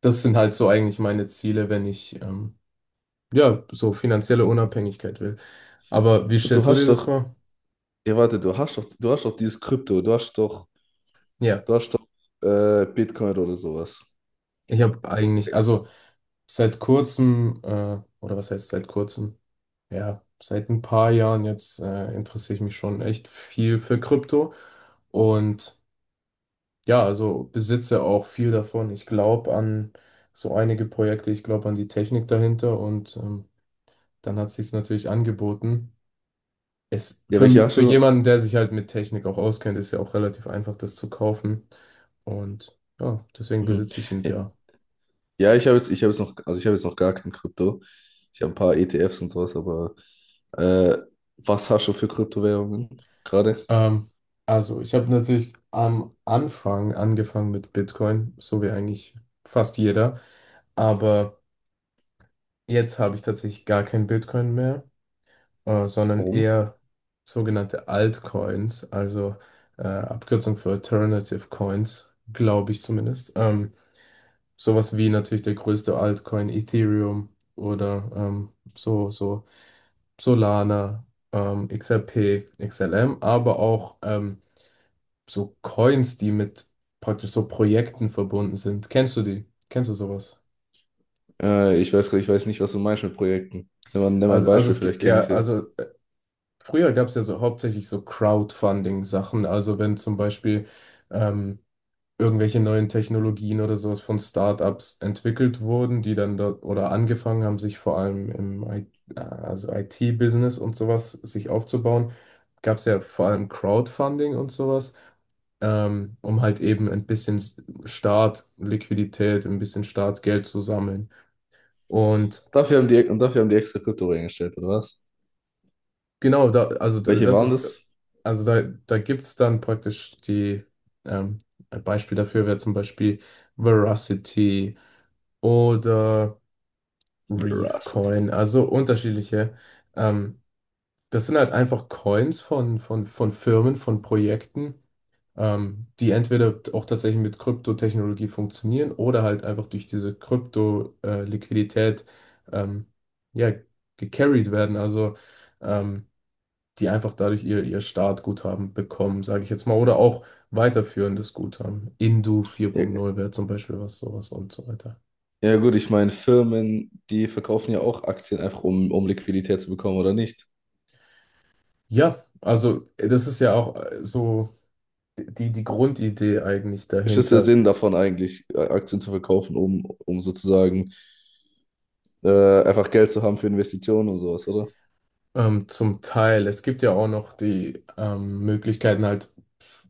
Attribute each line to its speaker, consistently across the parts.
Speaker 1: Das sind halt so eigentlich meine Ziele, wenn ich ja so finanzielle Unabhängigkeit will. Aber wie
Speaker 2: Du
Speaker 1: stellst du dir
Speaker 2: hast
Speaker 1: das
Speaker 2: doch,
Speaker 1: vor?
Speaker 2: du hast doch dieses Krypto, du hast doch,
Speaker 1: Ja,
Speaker 2: du hast doch Bitcoin oder sowas.
Speaker 1: ich habe eigentlich, also seit kurzem, oder was heißt seit kurzem? Ja, seit ein paar Jahren jetzt interessiere ich mich schon echt viel für Krypto und ja, also besitze auch viel davon. Ich glaube an so einige Projekte, ich glaube an die Technik dahinter, und dann hat sich's natürlich angeboten.
Speaker 2: Ja, welche hast
Speaker 1: Für
Speaker 2: du?
Speaker 1: jemanden, der sich halt mit Technik auch auskennt, ist ja auch relativ einfach, das zu kaufen. Und ja, deswegen
Speaker 2: Mhm.
Speaker 1: besitze ich einen
Speaker 2: Ja,
Speaker 1: Bär.
Speaker 2: ja, ich habe jetzt noch, also ich habe jetzt noch gar kein Krypto. Ich habe ein paar ETFs und sowas, aber äh, was hast du für Kryptowährungen gerade?
Speaker 1: Ähm, also, ich habe natürlich am Anfang angefangen mit Bitcoin, so wie eigentlich fast jeder. Aber jetzt habe ich tatsächlich gar kein Bitcoin mehr, sondern
Speaker 2: Warum?
Speaker 1: eher sogenannte Altcoins, also Abkürzung für Alternative Coins, glaube ich zumindest. Sowas wie natürlich der größte Altcoin Ethereum oder so, Solana, XRP, XLM, aber auch so Coins, die mit praktisch so Projekten verbunden sind. Kennst du die? Kennst du sowas?
Speaker 2: Ich weiß nicht, was du meinst mit Projekten. Nimm mal ein
Speaker 1: Also
Speaker 2: Beispiel,
Speaker 1: es
Speaker 2: vielleicht
Speaker 1: gibt
Speaker 2: kenne
Speaker 1: ja,
Speaker 2: ich sie.
Speaker 1: also früher gab es ja so hauptsächlich so Crowdfunding-Sachen. Also wenn zum Beispiel ähm, irgendwelche neuen Technologien oder sowas von Startups entwickelt wurden, die dann dort oder angefangen haben, sich vor allem im also IT-Business und sowas sich aufzubauen, gab es ja vor allem Crowdfunding und sowas, um halt eben ein bisschen Startliquidität, ein bisschen Startgeld zu sammeln. Und
Speaker 2: Und dafür haben die extra Krypto reingestellt, oder was?
Speaker 1: genau,
Speaker 2: Welche
Speaker 1: das
Speaker 2: waren
Speaker 1: ist,
Speaker 2: das?
Speaker 1: also da gibt es dann praktisch die, ähm, ein Beispiel dafür wäre zum Beispiel Veracity oder Reef
Speaker 2: Veracity.
Speaker 1: Coin, also unterschiedliche. Ähm, Das sind halt einfach Coins von Firmen, von Projekten, die entweder auch tatsächlich mit Kryptotechnologie funktionieren oder halt einfach durch diese Krypto-Liquidität, ähm, ja, gecarried werden. Also ähm, die einfach dadurch ihr Startguthaben bekommen, sage ich jetzt mal, oder auch weiterführendes Guthaben. Indu vier Punkt
Speaker 2: Ja,
Speaker 1: null wäre zum Beispiel was, sowas und so weiter.
Speaker 2: ja gut, ich meine, Firmen, die verkaufen ja auch Aktien einfach, um Liquidität zu bekommen, oder nicht?
Speaker 1: Ja, also das ist ja auch so. Die, die Grundidee eigentlich
Speaker 2: Ist das der
Speaker 1: dahinter.
Speaker 2: Sinn davon eigentlich, Aktien zu verkaufen, um sozusagen einfach Geld zu haben für Investitionen und sowas, oder?
Speaker 1: Zum Teil. Es gibt ja auch noch die Möglichkeiten, halt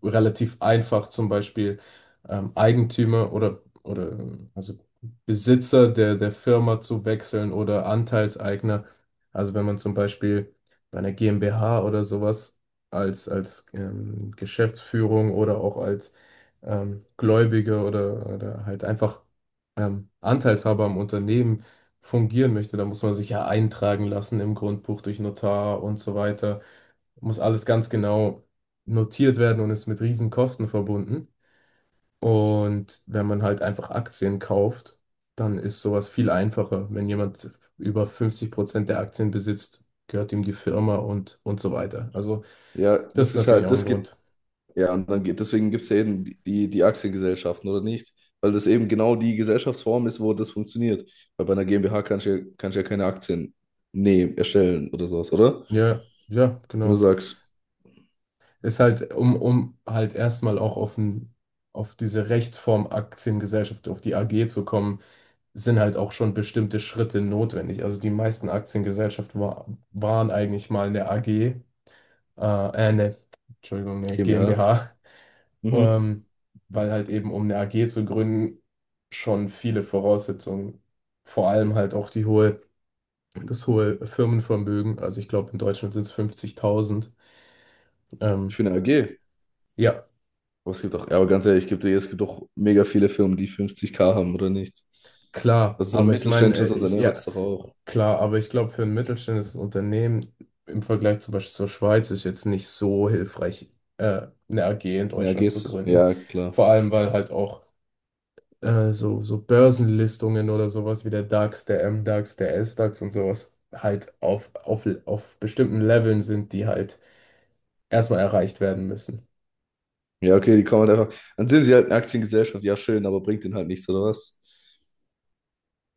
Speaker 1: relativ einfach zum Beispiel Eigentümer oder also Besitzer der Firma zu wechseln oder Anteilseigner. Also wenn man zum Beispiel bei einer GmbH oder sowas als Geschäftsführung oder auch als Gläubiger oder halt einfach Anteilshaber am Unternehmen fungieren möchte, dann muss man sich ja eintragen lassen im Grundbuch durch Notar und so weiter. Muss alles ganz genau notiert werden und ist mit riesen Kosten verbunden. Und wenn man halt einfach Aktien kauft, dann ist sowas viel einfacher. Wenn jemand über 50% der Aktien besitzt, gehört ihm die Firma und so weiter. Also
Speaker 2: Ja,
Speaker 1: das
Speaker 2: das
Speaker 1: ist
Speaker 2: ist
Speaker 1: natürlich
Speaker 2: halt,
Speaker 1: auch ein
Speaker 2: das geht,
Speaker 1: Grund.
Speaker 2: ja, und dann geht, deswegen gibt es ja eben die die Aktiengesellschaften, oder nicht? Weil das eben genau die Gesellschaftsform ist, wo das funktioniert. Weil bei einer GmbH kannst du ja keine Aktien nehmen, erstellen oder sowas, oder?
Speaker 1: Ja, ja,
Speaker 2: Wenn du
Speaker 1: genau.
Speaker 2: sagst,
Speaker 1: Ist halt, um halt erstmal auch auf diese Rechtsform Aktiengesellschaft, auf die AG zu kommen, sind halt auch schon bestimmte Schritte notwendig. Also die meisten Aktiengesellschaften wa waren eigentlich mal eine AG, ne, Entschuldigung, eine
Speaker 2: GmbH,
Speaker 1: GmbH,
Speaker 2: mhm,
Speaker 1: ähm, weil halt eben, um eine AG zu gründen, schon viele Voraussetzungen, vor allem halt auch die hohe, das hohe Firmenvermögen. Also ich glaube, in Deutschland sind es 50.000.
Speaker 2: ich
Speaker 1: Ähm,
Speaker 2: finde eine AG.
Speaker 1: ja,
Speaker 2: Aber es gibt auch, ja, aber ganz ehrlich, ich geb dir, es gibt doch mega viele Firmen, die 50K haben oder nicht.
Speaker 1: klar,
Speaker 2: Also so ein
Speaker 1: aber ich meine,
Speaker 2: mittelständisches
Speaker 1: ich,
Speaker 2: Unternehmen hat
Speaker 1: ja.
Speaker 2: es doch auch.
Speaker 1: Klar, aber ich glaube, für ein mittelständisches Unternehmen im Vergleich zum Beispiel zur Schweiz ist jetzt nicht so hilfreich, eine AG in
Speaker 2: Ja,
Speaker 1: Deutschland zu
Speaker 2: geht's.
Speaker 1: gründen.
Speaker 2: Ja, klar.
Speaker 1: Vor allem, weil halt auch so, Börsenlistungen oder sowas wie der DAX, der MDAX, der SDAX und sowas halt auf bestimmten Leveln sind, die halt erstmal erreicht werden müssen.
Speaker 2: Ja, okay, die kommen halt einfach. Dann sind sie halt eine Aktiengesellschaft, ja, schön, aber bringt denen halt nichts, oder was?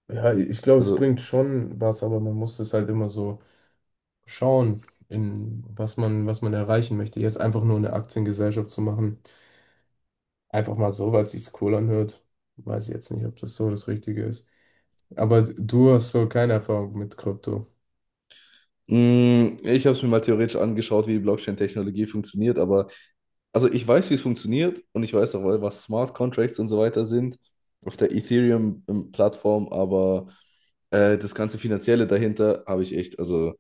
Speaker 1: Ja, ich glaube, es
Speaker 2: Also,
Speaker 1: bringt schon was, aber man muss es halt immer so schauen, in was man erreichen möchte. Jetzt einfach nur eine Aktiengesellschaft zu machen. Einfach mal so, weil es sich cool anhört. Weiß ich jetzt nicht, ob das so das Richtige ist. Aber du hast so keine Erfahrung mit Krypto.
Speaker 2: mh, ich habe es mir mal theoretisch angeschaut, wie die Blockchain-Technologie funktioniert, aber also ich weiß, wie es funktioniert und ich weiß auch, was Smart Contracts und so weiter sind auf der Ethereum-Plattform, aber das ganze Finanzielle dahinter habe ich echt, also.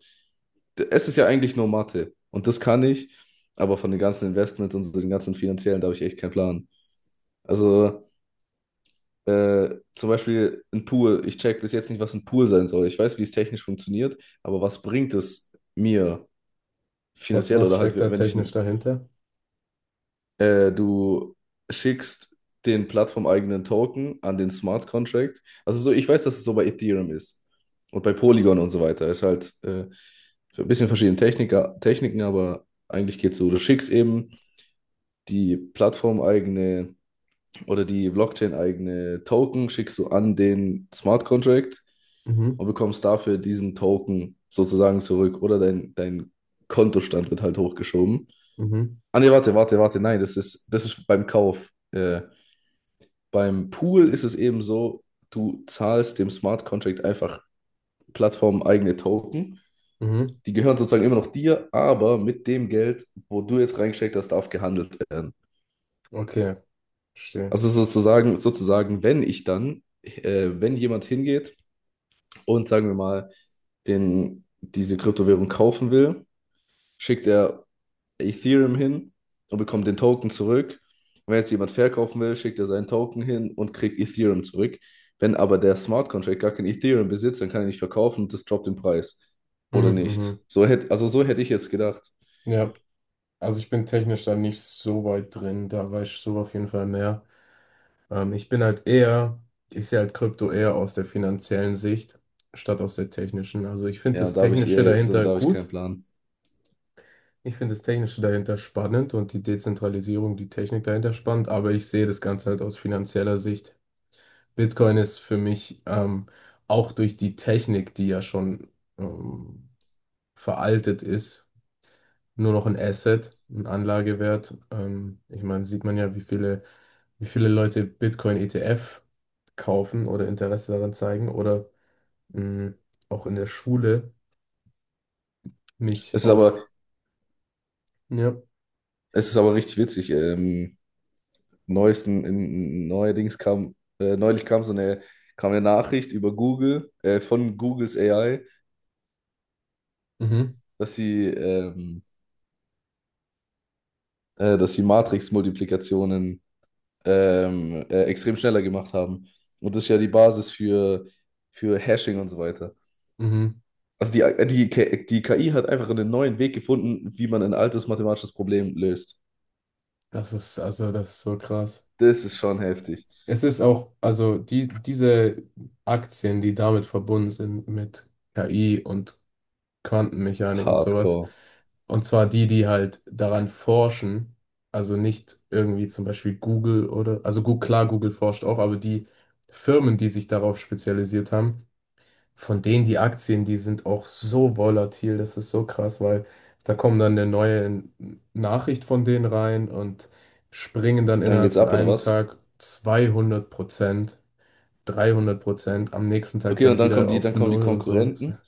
Speaker 2: Es ist ja eigentlich nur Mathe und das kann ich, aber von den ganzen Investments und so den ganzen finanziellen, da habe ich echt keinen Plan. Also zum Beispiel ein Pool. Ich check bis jetzt nicht, was ein Pool sein soll. Ich weiß, wie es technisch funktioniert, aber was bringt es mir
Speaker 1: Was,
Speaker 2: finanziell
Speaker 1: was
Speaker 2: oder halt,
Speaker 1: steckt da
Speaker 2: wenn ich
Speaker 1: technisch
Speaker 2: ein,
Speaker 1: dahinter?
Speaker 2: du schickst den plattformeigenen Token an den Smart Contract. Also so, ich weiß, dass es so bei Ethereum ist und bei Polygon und so weiter. Ist halt ein bisschen verschiedene Techniken, aber eigentlich geht es so, du schickst eben die plattformeigene oder die Blockchain-eigene Token schickst du an den Smart Contract
Speaker 1: Mhm,
Speaker 2: und bekommst dafür diesen Token sozusagen zurück oder dein Kontostand wird halt hochgeschoben.
Speaker 1: mhm,
Speaker 2: Ah nee, warte, nein, das ist beim Kauf. Beim Pool ist es eben so, du zahlst dem Smart Contract einfach plattformeigene Token.
Speaker 1: mhm.
Speaker 2: Die gehören sozusagen immer noch dir, aber mit dem Geld, wo du jetzt reingesteckt hast, darf gehandelt werden.
Speaker 1: Okay, verstehe.
Speaker 2: Also sozusagen, wenn ich dann, wenn jemand hingeht und sagen wir mal, diese Kryptowährung kaufen will, schickt er Ethereum hin und bekommt den Token zurück. Wenn jetzt jemand verkaufen will, schickt er seinen Token hin und kriegt Ethereum zurück. Wenn aber der Smart Contract gar kein Ethereum besitzt, dann kann er nicht verkaufen und das droppt den Preis. Oder
Speaker 1: Mhm,
Speaker 2: nicht.
Speaker 1: mhm.
Speaker 2: Also so hätte ich jetzt gedacht.
Speaker 1: Ja, also ich bin technisch da nicht so weit drin, da weiß ich so auf jeden Fall mehr. Ich bin halt eher, ich sehe halt Krypto eher aus der finanziellen Sicht, statt aus der technischen. Also ich finde
Speaker 2: Ja,
Speaker 1: das
Speaker 2: da habe ich
Speaker 1: Technische
Speaker 2: eher, dann
Speaker 1: dahinter
Speaker 2: da habe ich keinen
Speaker 1: gut.
Speaker 2: Plan.
Speaker 1: Ich finde das Technische dahinter spannend und die Dezentralisierung, die Technik dahinter spannend, aber ich sehe das Ganze halt aus finanzieller Sicht. Bitcoin ist für mich, auch durch die Technik, die ja schon ähm, veraltet ist, nur noch ein Asset, ein Anlagewert. Ich meine, sieht man ja, wie viele, Leute Bitcoin-ETF kaufen oder Interesse daran zeigen oder mh, auch in der Schule mich
Speaker 2: Es ist
Speaker 1: auf,
Speaker 2: aber,
Speaker 1: ja,
Speaker 2: Es ist aber richtig witzig. Neuesten, in, neuerdings kam, Neulich kam kam eine Nachricht über Google, von Googles AI,
Speaker 1: mhm,
Speaker 2: dass sie, ähm, dass sie Matrix-Multiplikationen extrem schneller gemacht haben. Und das ist ja die Basis für Hashing und so weiter.
Speaker 1: mhm,
Speaker 2: Die KI hat einfach einen neuen Weg gefunden, wie man ein altes mathematisches Problem löst.
Speaker 1: das ist so krass.
Speaker 2: Das ist schon heftig.
Speaker 1: Es ist auch, also diese Aktien, die damit verbunden sind mit KI und Quantenmechanik und sowas,
Speaker 2: Hardcore.
Speaker 1: und zwar die, die halt daran forschen, also nicht irgendwie zum Beispiel Google oder, also gut, klar, Google forscht auch, aber die Firmen, die sich darauf spezialisiert haben, von denen die Aktien, die sind auch so volatil, das ist so krass, weil da kommen dann eine neue Nachricht von denen rein und springen dann
Speaker 2: Dann
Speaker 1: innerhalb
Speaker 2: geht's
Speaker 1: von
Speaker 2: ab, oder
Speaker 1: einem
Speaker 2: was?
Speaker 1: Tag 200%, 300%, am nächsten Tag
Speaker 2: Okay,
Speaker 1: dann wieder
Speaker 2: dann
Speaker 1: auf
Speaker 2: kommen die
Speaker 1: Null und so.
Speaker 2: Konkurrenten.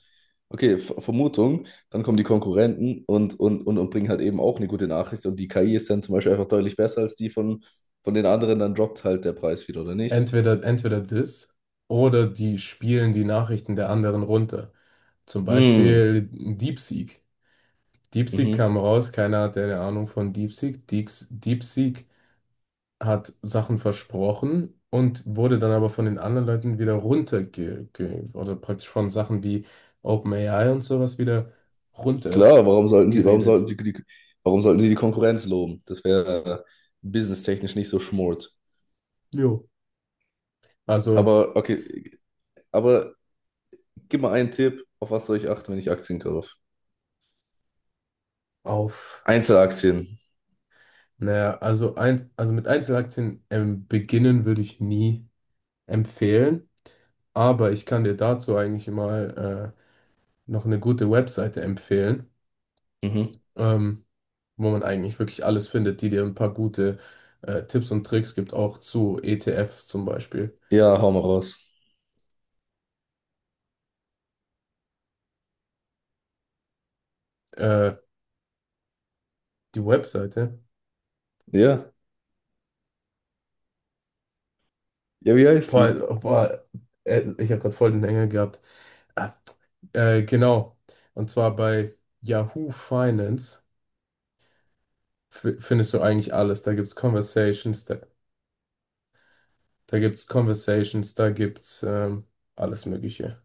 Speaker 2: Okay, Vermutung, dann kommen die Konkurrenten und bringen halt eben auch eine gute Nachricht. Und die KI ist dann zum Beispiel einfach deutlich besser als die von den anderen, dann droppt halt der Preis wieder, oder nicht?
Speaker 1: Entweder das oder die spielen die Nachrichten der anderen runter. Zum
Speaker 2: Hm,
Speaker 1: Beispiel DeepSeek. DeepSeek
Speaker 2: mhm.
Speaker 1: kam raus, keiner hatte eine Ahnung von DeepSeek. Deeks DeepSeek hat Sachen versprochen und wurde dann aber von den anderen Leuten wieder oder praktisch von Sachen wie OpenAI und sowas wieder runtergeredet.
Speaker 2: Klar, warum sollten sie die Konkurrenz loben? Das wäre businesstechnisch nicht so schmort.
Speaker 1: Jo. Also
Speaker 2: Aber okay, aber gib mal einen Tipp, auf was soll ich achten, wenn ich Aktien kaufe?
Speaker 1: auf,
Speaker 2: Einzelaktien.
Speaker 1: naja, also mit Einzelaktien beginnen würde ich nie empfehlen, aber ich kann dir dazu eigentlich mal noch eine gute Webseite empfehlen,
Speaker 2: Mhm.
Speaker 1: ähm, wo man eigentlich wirklich alles findet, die dir ein paar gute Tipps und Tricks gibt, auch zu ETFs zum Beispiel.
Speaker 2: Ja, hau mal raus.
Speaker 1: Äh, die Webseite.
Speaker 2: Ja. Ja, wie heißt
Speaker 1: Boah,
Speaker 2: die?
Speaker 1: boah, ich habe gerade voll den Hänger gehabt. Ah, genau. Und zwar bei Yahoo Finance findest du eigentlich alles. Da gibt's Conversations, da gibt's Conversations, da gibt's alles Mögliche.